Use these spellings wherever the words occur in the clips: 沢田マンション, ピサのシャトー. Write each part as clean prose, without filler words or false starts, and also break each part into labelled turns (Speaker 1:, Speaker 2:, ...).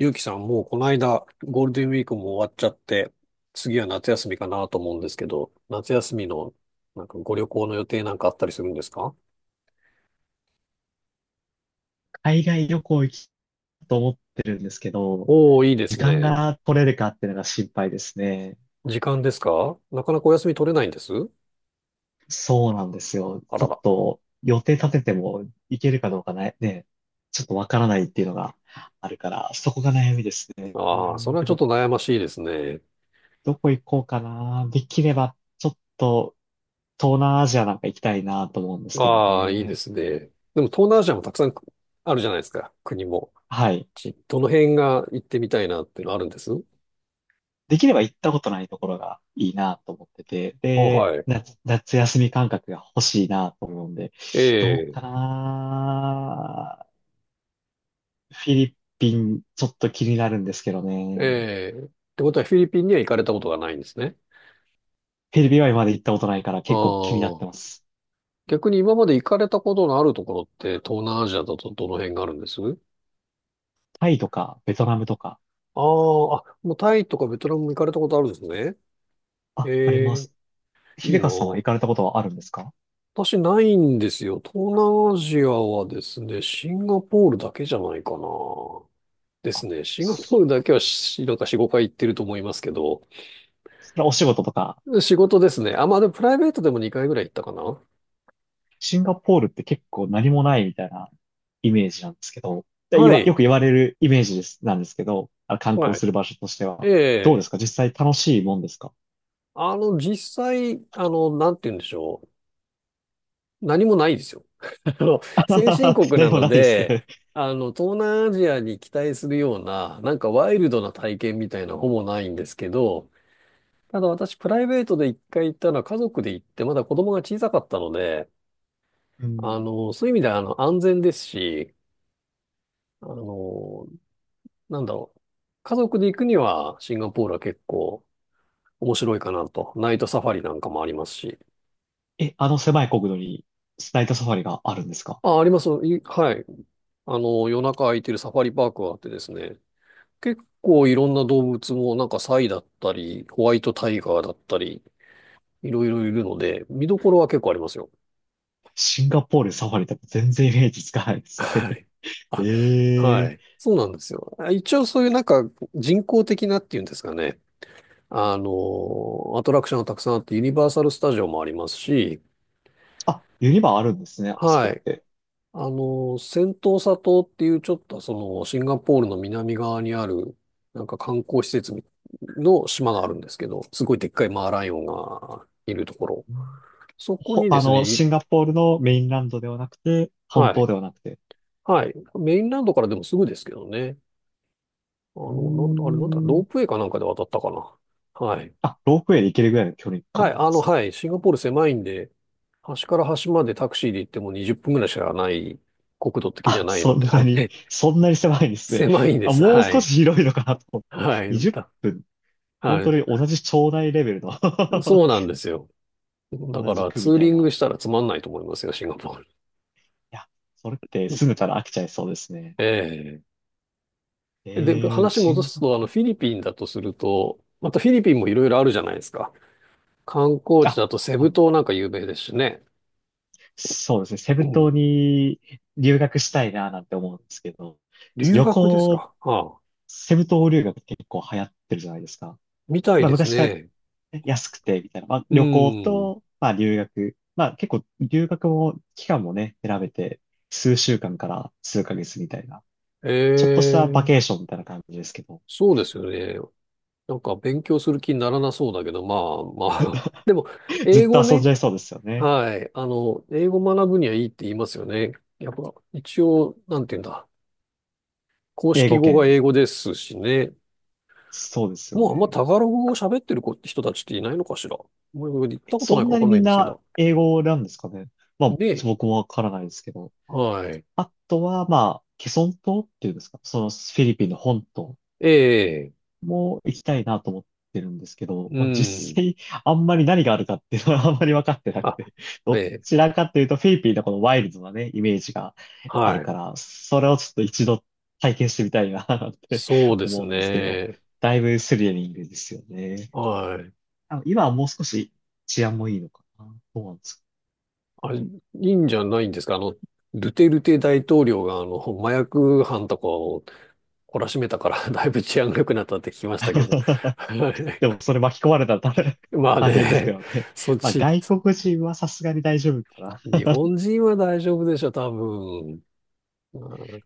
Speaker 1: ゆうきさん、もうこの間、ゴールデンウィークも終わっちゃって、次は夏休みかなと思うんですけど、夏休みの、なんかご旅行の予定なんかあったりするんですか？
Speaker 2: 海外旅行行きたいと思ってるんですけど、
Speaker 1: おー、いいで
Speaker 2: 時
Speaker 1: す
Speaker 2: 間
Speaker 1: ね。
Speaker 2: が取れるかっていうのが心配ですね。
Speaker 1: 時間ですか？なかなかお休み取れないんです。
Speaker 2: そうなんですよ。
Speaker 1: あ
Speaker 2: ち
Speaker 1: ら
Speaker 2: ょっ
Speaker 1: ら。
Speaker 2: と予定立てても行けるかどうかね、ちょっとわからないっていうのがあるから、そこが悩みですね。う
Speaker 1: ああ、そ
Speaker 2: ん
Speaker 1: れは
Speaker 2: で
Speaker 1: ちょっ
Speaker 2: も、
Speaker 1: と悩ましいですね。
Speaker 2: どこ行こうかな。できれば、ちょっと東南アジアなんか行きたいなと思うんですけど
Speaker 1: ああ、いいで
Speaker 2: ね。
Speaker 1: すね。でも東南アジアもたくさんあるじゃないですか、国も。
Speaker 2: はい。
Speaker 1: どの辺が行ってみたいなっていうのあるんです
Speaker 2: できれば行ったことないところがいいなと思ってて、
Speaker 1: あ、
Speaker 2: で、
Speaker 1: はい。
Speaker 2: 夏休み感覚が欲しいなと思うんで、
Speaker 1: え
Speaker 2: どう
Speaker 1: え、
Speaker 2: かな。フィリピン、ちょっと気になるんですけどね。
Speaker 1: ええ。ってことはフィリピンには行かれたことがないんですね。
Speaker 2: フィリピンは今まで行ったことないから
Speaker 1: あ
Speaker 2: 結構気になって
Speaker 1: あ。
Speaker 2: ます。
Speaker 1: 逆に今まで行かれたことのあるところって東南アジアだとどの辺があるんです
Speaker 2: タイとか、ベトナムとか。
Speaker 1: ああ、あ、もうタイとかベトナムも行かれたことあるんですね。
Speaker 2: あり
Speaker 1: え
Speaker 2: ま
Speaker 1: え、
Speaker 2: す。
Speaker 1: いい
Speaker 2: 秀和
Speaker 1: な。
Speaker 2: さんは行かれたことはあるんですか？
Speaker 1: 私ないんですよ。東南アジアはですね、シンガポールだけじゃないかな。です
Speaker 2: あ、
Speaker 1: ね。シンガポ
Speaker 2: そ
Speaker 1: ールだけはなんか4、5回行ってると思いますけど、
Speaker 2: それはお仕事とか？
Speaker 1: 仕事ですね。あ、まあでもプライベートでも2回ぐらい行ったかな。
Speaker 2: シンガポールって結構何もないみたいなイメージなんですけど、で言
Speaker 1: は
Speaker 2: わよ
Speaker 1: い。
Speaker 2: く言われるイメージです、なんですけど、あの観
Speaker 1: は
Speaker 2: 光
Speaker 1: い。
Speaker 2: する場所として
Speaker 1: え
Speaker 2: は。どうで
Speaker 1: え。
Speaker 2: すか、実際楽しいもんですか？
Speaker 1: 実際、なんて言うんでしょう。何もないですよ。あの、先進 国な
Speaker 2: 何も
Speaker 1: の
Speaker 2: ないです
Speaker 1: で、
Speaker 2: ね。
Speaker 1: 東南アジアに期待するような、なんかワイルドな体験みたいなほぼないんですけど、ただ私、プライベートで一回行ったのは家族で行って、まだ子供が小さかったので、
Speaker 2: うん。
Speaker 1: そういう意味では、安全ですし、あの、なんだろう。家族で行くには、シンガポールは結構面白いかなと。ナイトサファリなんかもありますし。
Speaker 2: え、あの狭い国土にナイトサファリがあるんですか？
Speaker 1: あ、あります。はい。夜中空いてるサファリパークがあってですね。結構いろんな動物もなんかサイだったり、ホワイトタイガーだったり、いろいろいるので、見どころは結構ありますよ。
Speaker 2: シンガポールサファリって全然イメージつかないですね。
Speaker 1: はい。あ、
Speaker 2: え
Speaker 1: は
Speaker 2: え。
Speaker 1: い。そうなんですよ。一応そういうなんか人工的なっていうんですかね。アトラクションがたくさんあって、ユニバーサルスタジオもありますし、
Speaker 2: あ、ユニバあるんですね、あそ
Speaker 1: は
Speaker 2: こっ
Speaker 1: い。
Speaker 2: て。
Speaker 1: セントーサ島っていうちょっとそのシンガポールの南側にあるなんか観光施設の島があるんですけど、すごいでっかいマーライオンがいるところ。
Speaker 2: うん。
Speaker 1: そこにで
Speaker 2: あ
Speaker 1: す
Speaker 2: の、
Speaker 1: ね、
Speaker 2: シンガポールのメインランドではなくて、本
Speaker 1: は
Speaker 2: 当
Speaker 1: い、
Speaker 2: ではなくて。
Speaker 1: はい。メインランドからでもすぐですけどね。
Speaker 2: うー
Speaker 1: あれなんだ、ロープ
Speaker 2: ん。
Speaker 1: ウェイかなんかで渡ったかな。はい。
Speaker 2: あ、ロープウェイで行けるぐらいの距離
Speaker 1: は
Speaker 2: 感
Speaker 1: い、
Speaker 2: なんですね。
Speaker 1: はい。シンガポール狭いんで、端から端までタクシーで行っても20分ぐらいしかない、国土的には
Speaker 2: あ、
Speaker 1: ない
Speaker 2: そ
Speaker 1: ので、
Speaker 2: ん
Speaker 1: は
Speaker 2: な
Speaker 1: い。
Speaker 2: に、そんなに狭いんですね。
Speaker 1: 狭いんで
Speaker 2: あ、
Speaker 1: す。
Speaker 2: もう
Speaker 1: は
Speaker 2: 少
Speaker 1: い。
Speaker 2: し広いのかなと思っ
Speaker 1: は
Speaker 2: て。
Speaker 1: い。
Speaker 2: 20分、本
Speaker 1: は
Speaker 2: 当
Speaker 1: い。
Speaker 2: に同じ町内レベルの
Speaker 1: そうな んですよ。
Speaker 2: 同
Speaker 1: だか
Speaker 2: じ
Speaker 1: ら
Speaker 2: 区
Speaker 1: ツ
Speaker 2: み
Speaker 1: ー
Speaker 2: た
Speaker 1: リ
Speaker 2: い
Speaker 1: ング
Speaker 2: な。
Speaker 1: したらつまんないと思いますよ、シンガポール。
Speaker 2: いや、それって住め たら飽きちゃいそうですね。
Speaker 1: ええ。で、
Speaker 2: ええー、
Speaker 1: 話
Speaker 2: シ
Speaker 1: 戻
Speaker 2: ン
Speaker 1: す
Speaker 2: ガ、
Speaker 1: と、フィリピンだとすると、またフィリピンもいろいろあるじゃないですか。観光地
Speaker 2: あ、
Speaker 1: だとセ
Speaker 2: あ
Speaker 1: ブ
Speaker 2: の、
Speaker 1: 島なんか有名ですしね。
Speaker 2: そうですね。セ
Speaker 1: う
Speaker 2: ブ島
Speaker 1: ん。
Speaker 2: に留学したいななんて思うんですけど、
Speaker 1: 留
Speaker 2: 旅
Speaker 1: 学です
Speaker 2: 行、
Speaker 1: か？はあ、
Speaker 2: セブ島留学って結構流行ってるじゃないですか。
Speaker 1: みたい
Speaker 2: まあ
Speaker 1: です
Speaker 2: 昔から
Speaker 1: ね。
Speaker 2: 安くて、みたいな。まあ、
Speaker 1: う
Speaker 2: 旅行
Speaker 1: ん。
Speaker 2: と、まあ、留学。まあ、結構、留学も、期間もね、選べて、数週間から数ヶ月みたいな。
Speaker 1: え
Speaker 2: ちょっとしたバ
Speaker 1: え、
Speaker 2: ケーションみたいな感じですけど。
Speaker 1: そうですよね。なんか勉強する気にならなそうだけど、まあまあ。でも、
Speaker 2: ずっ
Speaker 1: 英
Speaker 2: と
Speaker 1: 語
Speaker 2: 遊んじ
Speaker 1: ね。
Speaker 2: ゃいそうですよね。
Speaker 1: はい。英語学ぶにはいいって言いますよね。やっぱ、一応、なんて言うんだ。公
Speaker 2: 英
Speaker 1: 式
Speaker 2: 語
Speaker 1: 語が
Speaker 2: 圏。
Speaker 1: 英語ですしね。
Speaker 2: そうですよ
Speaker 1: もうあんま
Speaker 2: ね。
Speaker 1: タガログ語を喋ってる人たちっていないのかしら。もう言っ
Speaker 2: え
Speaker 1: たこと
Speaker 2: そ
Speaker 1: ない
Speaker 2: ん
Speaker 1: かわ
Speaker 2: な
Speaker 1: か
Speaker 2: に
Speaker 1: んな
Speaker 2: み
Speaker 1: い
Speaker 2: ん
Speaker 1: んですけ
Speaker 2: な
Speaker 1: ど。
Speaker 2: 英語なんですかね。まあ、
Speaker 1: で、
Speaker 2: 僕もわからないですけど。
Speaker 1: はい。
Speaker 2: あとは、まあ、ケソン島っていうんですか。そのフィリピンの本島
Speaker 1: ええ。
Speaker 2: も行きたいなと思ってるんですけど、
Speaker 1: う
Speaker 2: まあ、実
Speaker 1: ん。
Speaker 2: 際、あんまり何があるかっていうのは あんまり分かってなく
Speaker 1: あ、
Speaker 2: て、
Speaker 1: え
Speaker 2: ど
Speaker 1: え、
Speaker 2: ちらかというと、フィリピンのこのワイルドなね、イメージがある
Speaker 1: はい。
Speaker 2: から、それをちょっと一度体験してみたいな って
Speaker 1: そうです
Speaker 2: 思うんですけど、
Speaker 1: ね。
Speaker 2: だいぶスリリングですよね。
Speaker 1: はい。
Speaker 2: あの今はもう少し治安もいいのかな。思うなんです
Speaker 1: あ、いいんじゃないんですか。ドゥテルテ大統領が、麻薬犯とかを懲らしめたから、だいぶ治安が良くなったって聞きま
Speaker 2: か。
Speaker 1: したけど。は
Speaker 2: でも、
Speaker 1: い。
Speaker 2: それ巻き込まれたら
Speaker 1: まあ
Speaker 2: 大変ですけ
Speaker 1: ね、
Speaker 2: どね。
Speaker 1: そっ
Speaker 2: まあ、
Speaker 1: ち、
Speaker 2: 外国人はさすがに大丈夫かな。
Speaker 1: 日本人は大丈夫でしょ、多分。うん。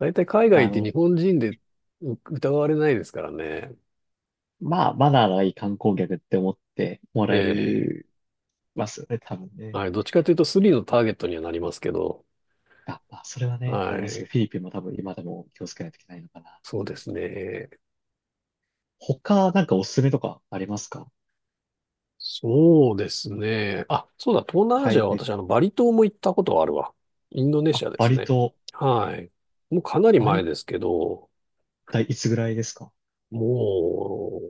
Speaker 1: 大体海外
Speaker 2: あ
Speaker 1: って
Speaker 2: の、
Speaker 1: 日本人で疑われないですからね。
Speaker 2: まあ、マナーのいい観光客って思っても
Speaker 1: え
Speaker 2: らえ
Speaker 1: え。
Speaker 2: るますよね、多分ね。
Speaker 1: はい。どっちかというとスリのターゲットにはなりますけど。
Speaker 2: あ、まあ、それはね、あ
Speaker 1: は
Speaker 2: ります
Speaker 1: い。
Speaker 2: ね。フィリピンも多分今でも気をつけないといけないのかな。
Speaker 1: そうですね。
Speaker 2: 他、なんかおすすめとかありますか？
Speaker 1: そうですね。あ、そうだ、東南アジア
Speaker 2: 海
Speaker 1: は
Speaker 2: 外の。
Speaker 1: 私、バリ島も行ったことはあるわ。インドネ
Speaker 2: あ、
Speaker 1: シアで
Speaker 2: バ
Speaker 1: す
Speaker 2: リ
Speaker 1: ね。
Speaker 2: 島。
Speaker 1: はい。もうかなり
Speaker 2: バリ
Speaker 1: 前
Speaker 2: っ
Speaker 1: ですけど、
Speaker 2: ていつぐらいですか？
Speaker 1: も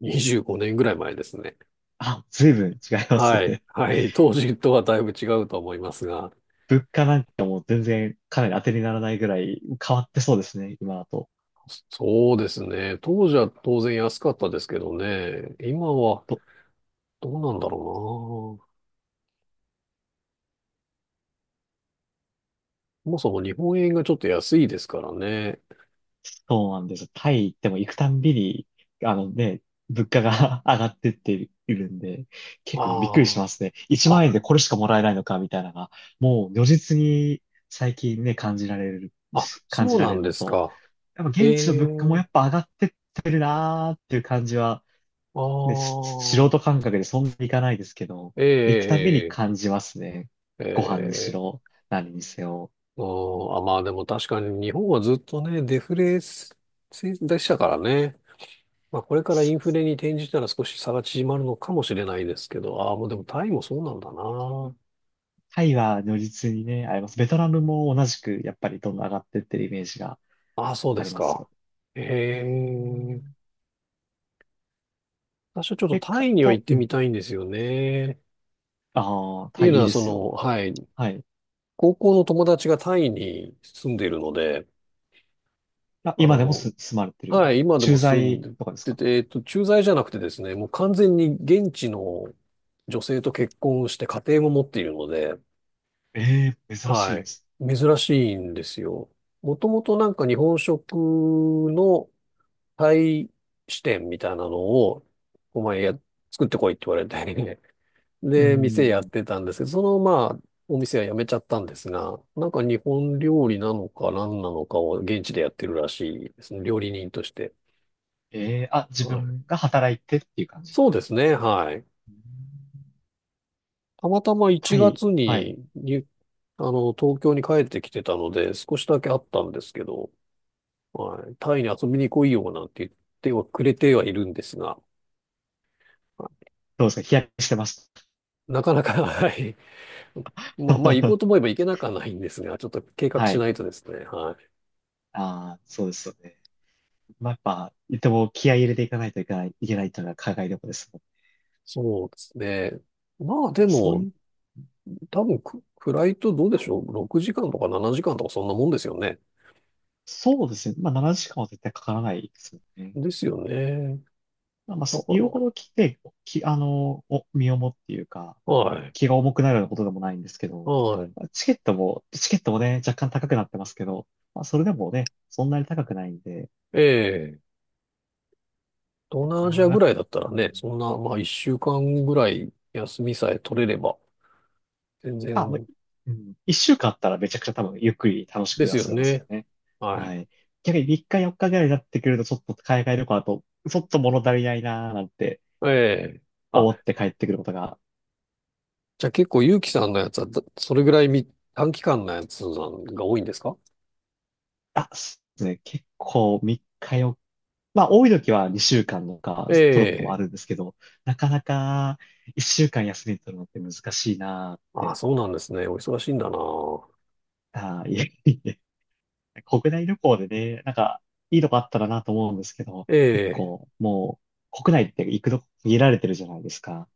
Speaker 1: う25年ぐらい前ですね。
Speaker 2: あ、随分違います
Speaker 1: はい。
Speaker 2: ね。
Speaker 1: はい。当時とはだいぶ違うと思いますが。
Speaker 2: 物価なんかもう全然かなり当てにならないぐらい変わってそうですね、今だと。
Speaker 1: そうですね。当時は当然安かったですけどね。今は
Speaker 2: ど
Speaker 1: どうなんだろうな。そもそも日本円がちょっと安いですからね。
Speaker 2: そうなんですよ。タイ行っても行くたんびに、あのね、物価が 上がってっているんで、結構びっくりし
Speaker 1: あ
Speaker 2: ますね。
Speaker 1: あ。
Speaker 2: 1万円
Speaker 1: あ、
Speaker 2: でこれしかもらえないのかみたいなのが、もう如実に最近ね、
Speaker 1: あ、
Speaker 2: 感
Speaker 1: そ
Speaker 2: じ
Speaker 1: う
Speaker 2: ら
Speaker 1: な
Speaker 2: れ
Speaker 1: ん
Speaker 2: る
Speaker 1: で
Speaker 2: の
Speaker 1: す
Speaker 2: と、
Speaker 1: か。
Speaker 2: やっぱ現地の
Speaker 1: え
Speaker 2: 物価もや
Speaker 1: え。
Speaker 2: っぱ上がってってるなーっていう感じは、
Speaker 1: あ
Speaker 2: 素人
Speaker 1: あ、
Speaker 2: 感覚でそんなにいかないですけど、行くたんびに
Speaker 1: ええ
Speaker 2: 感
Speaker 1: え
Speaker 2: じますね。ご飯にし
Speaker 1: えええ。
Speaker 2: ろ、何にせよ。
Speaker 1: うん。あ、まあでも確かに日本はずっとね、デフレでしたからね。まあこれからインフレに転じたら少し差が縮まるのかもしれないですけど、ああ、もうでもタイもそうなんだな。
Speaker 2: タイは如実にね、あります。ベトナムも同じく、やっぱりどんどん上がってってるイメージが
Speaker 1: ああ、そうで
Speaker 2: あり
Speaker 1: す
Speaker 2: ます
Speaker 1: か。
Speaker 2: よ。え
Speaker 1: え
Speaker 2: ー、
Speaker 1: え。私はちょっと
Speaker 2: え、
Speaker 1: タ
Speaker 2: か、
Speaker 1: イには行っ
Speaker 2: と、う
Speaker 1: てみ
Speaker 2: ん。
Speaker 1: たいんですよね。っ
Speaker 2: ああ、
Speaker 1: て
Speaker 2: タ
Speaker 1: いう
Speaker 2: イ
Speaker 1: の
Speaker 2: いい
Speaker 1: は、
Speaker 2: ですよ。
Speaker 1: はい、
Speaker 2: はい。
Speaker 1: 高校の友達がタイに住んでいるので、
Speaker 2: あ、
Speaker 1: あ
Speaker 2: 今でも
Speaker 1: の、
Speaker 2: す、住まれてる。
Speaker 1: はい、今で
Speaker 2: 駐
Speaker 1: も住ん
Speaker 2: 在とかです
Speaker 1: で
Speaker 2: か？
Speaker 1: て、駐在じゃなくてですね、もう完全に現地の女性と結婚して家庭も持っているので、
Speaker 2: ええー、珍し
Speaker 1: は
Speaker 2: い
Speaker 1: い、
Speaker 2: です。
Speaker 1: 珍しいんですよ。もともとなんか日本食のタイ支店みたいなのを、お前や、作ってこいって言われて
Speaker 2: う
Speaker 1: で、店やっ
Speaker 2: ん。
Speaker 1: てたんですけど、まあ、お店は辞めちゃったんですが、なんか日本料理なのか何なのかを現地でやってるらしいですね、料理人として。
Speaker 2: ええー。あ、自分が働いてっていう感じ。
Speaker 1: そうですね、はい。
Speaker 2: うん。
Speaker 1: たまたま1
Speaker 2: タイ、
Speaker 1: 月
Speaker 2: は
Speaker 1: に、
Speaker 2: い。
Speaker 1: 東京に帰ってきてたので、少しだけあったんですけど、はい、タイに遊びに来いよなんて言ってはくれてはいるんですが、
Speaker 2: どうですか、日焼けしてまし
Speaker 1: なかなか、はい。まあ、まあ、行こう
Speaker 2: た。
Speaker 1: と思えば行けなくはないんですが、ちょっと計 画
Speaker 2: は
Speaker 1: し
Speaker 2: い。
Speaker 1: ないとですね、はい。
Speaker 2: ああ、そうですよね。まあ、やっぱ、でも気合い入れていかないといけない、というのが海外旅行です。
Speaker 1: そうですね。まあ、で
Speaker 2: そう
Speaker 1: も、
Speaker 2: いう、
Speaker 1: 多分フライトどうでしょう？ 6 時間とか7時間とかそんなもんですよね。
Speaker 2: そうですね。まあ、7時間は絶対かからないですよね。
Speaker 1: ですよね。
Speaker 2: まあ、
Speaker 1: だから、
Speaker 2: 言うほど来て、あの、身重っていうか、
Speaker 1: はい。
Speaker 2: 気が重くなるようなことでもないんですけど、
Speaker 1: はい。
Speaker 2: チケットもね、若干高くなってますけど、まあ、それでもね、そんなに高くないんで、
Speaker 1: ええ。東南アジアぐ
Speaker 2: あ
Speaker 1: らいだったら
Speaker 2: ー、
Speaker 1: ね、そんな、まあ一週間ぐらい休みさえ取れれば、全
Speaker 2: あ、もう、
Speaker 1: 然
Speaker 2: うん、一週間あったらめちゃくちゃ多分ゆっくり楽しく
Speaker 1: で
Speaker 2: 遊
Speaker 1: すよ
Speaker 2: べます
Speaker 1: ね。
Speaker 2: よね。
Speaker 1: は
Speaker 2: は
Speaker 1: い。
Speaker 2: い。逆に3日4日ぐらいになってくると、ちょっと海外旅行だと、ちょっと物足りないなーなんて
Speaker 1: ええ。あ、
Speaker 2: 思って帰ってくることが。
Speaker 1: じゃあ結構ゆうきさんのやつは、それぐらい短期間のやつなんが多いんですか？
Speaker 2: そうですね。結構3日よっか、まあ多い時は2週間とか取ることもあ
Speaker 1: ええ。
Speaker 2: るんですけど、なかなか1週間休み取るのって難しいなーっ
Speaker 1: あ、
Speaker 2: て。
Speaker 1: そうなんですね。お忙しいんだな。
Speaker 2: あー、いえいえ。国内旅行でね、なんかいいとこあったらなと思うんですけど、
Speaker 1: え
Speaker 2: 結
Speaker 1: え。
Speaker 2: 構もう国内って行くとこ限られてるじゃないですか。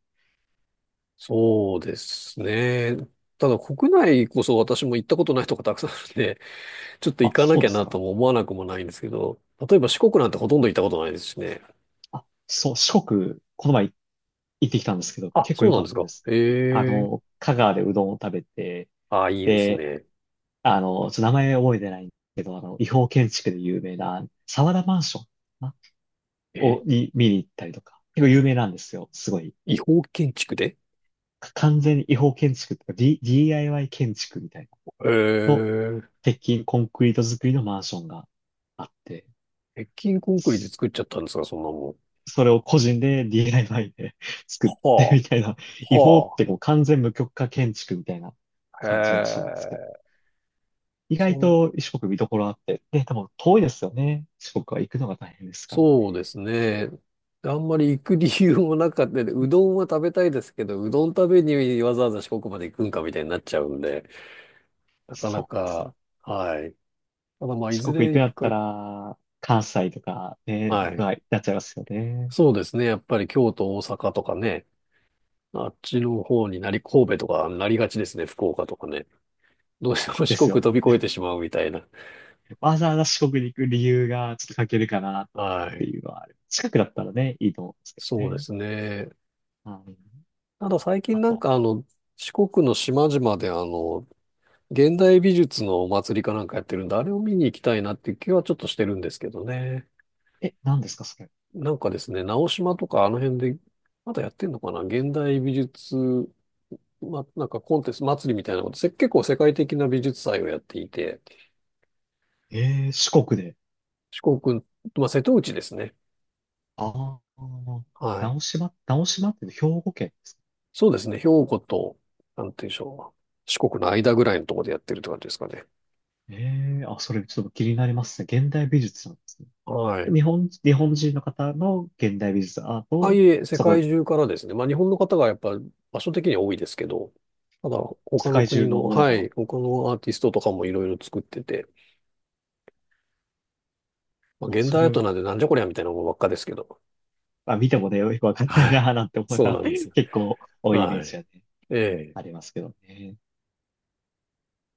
Speaker 1: そうですね。ただ国内こそ私も行ったことないとこたくさんあるんで、ちょっと行
Speaker 2: あ、
Speaker 1: かな
Speaker 2: そう
Speaker 1: きゃ
Speaker 2: です
Speaker 1: な
Speaker 2: か。
Speaker 1: とも思わなくもないんですけど、例えば四国なんてほとんど行ったことないですしね。
Speaker 2: あ、そう、四国、この前行ってきたんですけど、
Speaker 1: あ、
Speaker 2: 結構
Speaker 1: そう
Speaker 2: 良
Speaker 1: な
Speaker 2: か
Speaker 1: ん
Speaker 2: っ
Speaker 1: で
Speaker 2: た
Speaker 1: す
Speaker 2: で
Speaker 1: か。
Speaker 2: す。あ
Speaker 1: ええ。
Speaker 2: の、香川でうどんを食べて、
Speaker 1: あ、いいです
Speaker 2: で、
Speaker 1: ね。
Speaker 2: あの、ちょっと名前覚えてないんですけど、あの、違法建築で有名な、沢田マンションかなを、
Speaker 1: え、
Speaker 2: に見に行ったりとか、結構有名なんですよ。すごい。
Speaker 1: 違法建築で？
Speaker 2: 完全に違法建築とか、DIY 建築みたい
Speaker 1: え
Speaker 2: なの、
Speaker 1: え。
Speaker 2: 鉄筋コンクリート作りのマンションがあって、
Speaker 1: 鉄筋コンクリで
Speaker 2: そ
Speaker 1: 作っちゃったんですか、そんなもん。
Speaker 2: それを個人で DIY で 作って
Speaker 1: は
Speaker 2: みたいな、
Speaker 1: あ、
Speaker 2: 違法っ
Speaker 1: は
Speaker 2: てもう完全無許可建築みたいな
Speaker 1: あ、へ
Speaker 2: 感じらしいんですけど、
Speaker 1: え。
Speaker 2: 意
Speaker 1: そ
Speaker 2: 外
Speaker 1: ん、
Speaker 2: と四国見どころあって、で、多分遠いですよね。四国は行くのが大変ですから。
Speaker 1: そうですね。あんまり行く理由もなかったで、うどんは食べたいですけど、うどん食べにわざわざ四国まで行くんかみたいになっちゃうんで、なか
Speaker 2: そ
Speaker 1: な
Speaker 2: うですよ。
Speaker 1: か、はい。ただまあ、い
Speaker 2: 四
Speaker 1: ず
Speaker 2: 国行
Speaker 1: れ
Speaker 2: くん
Speaker 1: 一
Speaker 2: だった
Speaker 1: 回、
Speaker 2: ら、関西とかね、
Speaker 1: はい。
Speaker 2: が、なっちゃいますよね。
Speaker 1: そうですね。やっぱり京都、大阪とかね、あっちの方になり、神戸とかなりがちですね、福岡とかね。どうしても
Speaker 2: で
Speaker 1: 四
Speaker 2: す
Speaker 1: 国
Speaker 2: よ
Speaker 1: 飛び
Speaker 2: ね。
Speaker 1: 越えてしまうみたいな。
Speaker 2: わざわざ四国に行く理由がちょっと欠けるかなっ
Speaker 1: は
Speaker 2: て
Speaker 1: い。
Speaker 2: いうのはある。近くだったらね、いいと思うんですけど
Speaker 1: そうで
Speaker 2: ね。
Speaker 1: すね。
Speaker 2: はい。
Speaker 1: ただ最近
Speaker 2: あ
Speaker 1: なん
Speaker 2: と、
Speaker 1: か四国の島々で現代美術のお祭りかなんかやってるんで、あれを見に行きたいなっていう気はちょっとしてるんですけどね。
Speaker 2: え、何ですか、それ。
Speaker 1: なんかですね、直島とかあの辺で、まだやってんのかな現代美術、なんかコンテスト祭りみたいなこと、結構世界的な美術祭をやっていて、
Speaker 2: えー、四国で。
Speaker 1: 四国、まあ、瀬戸内ですね。
Speaker 2: ああ、
Speaker 1: はい。
Speaker 2: 直島、直島って兵庫県ですか。
Speaker 1: そうですね。兵庫と、なんて言うんでしょう。四国の間ぐらいのところでやってるって感じですかね。
Speaker 2: えー、あ、それちょっと気になりますね。現代美術なんですね。
Speaker 1: はい。
Speaker 2: 日本人の方の現代美術アート
Speaker 1: ああい
Speaker 2: を、
Speaker 1: え、世
Speaker 2: そこ
Speaker 1: 界
Speaker 2: で
Speaker 1: 中からですね。まあ、日本の方がやっぱ場所的には多いですけど、ただ、
Speaker 2: 世
Speaker 1: 他の
Speaker 2: 界
Speaker 1: 国
Speaker 2: 中
Speaker 1: の、
Speaker 2: のもの
Speaker 1: は
Speaker 2: が、
Speaker 1: い、他のアーティストとかもいろいろ作ってて、まあ、
Speaker 2: あ、
Speaker 1: 現
Speaker 2: そ
Speaker 1: 代アート
Speaker 2: れ
Speaker 1: なんでなんじゃこりゃみたいなものばっかですけど。
Speaker 2: まあ見てもね、よくわかんない
Speaker 1: は
Speaker 2: なぁ
Speaker 1: い。
Speaker 2: なんて思う
Speaker 1: そ
Speaker 2: か
Speaker 1: うな
Speaker 2: が
Speaker 1: んです よ。
Speaker 2: 結構多いイメー
Speaker 1: は
Speaker 2: ジは
Speaker 1: い。
Speaker 2: ね、
Speaker 1: ええ
Speaker 2: ありますけどね。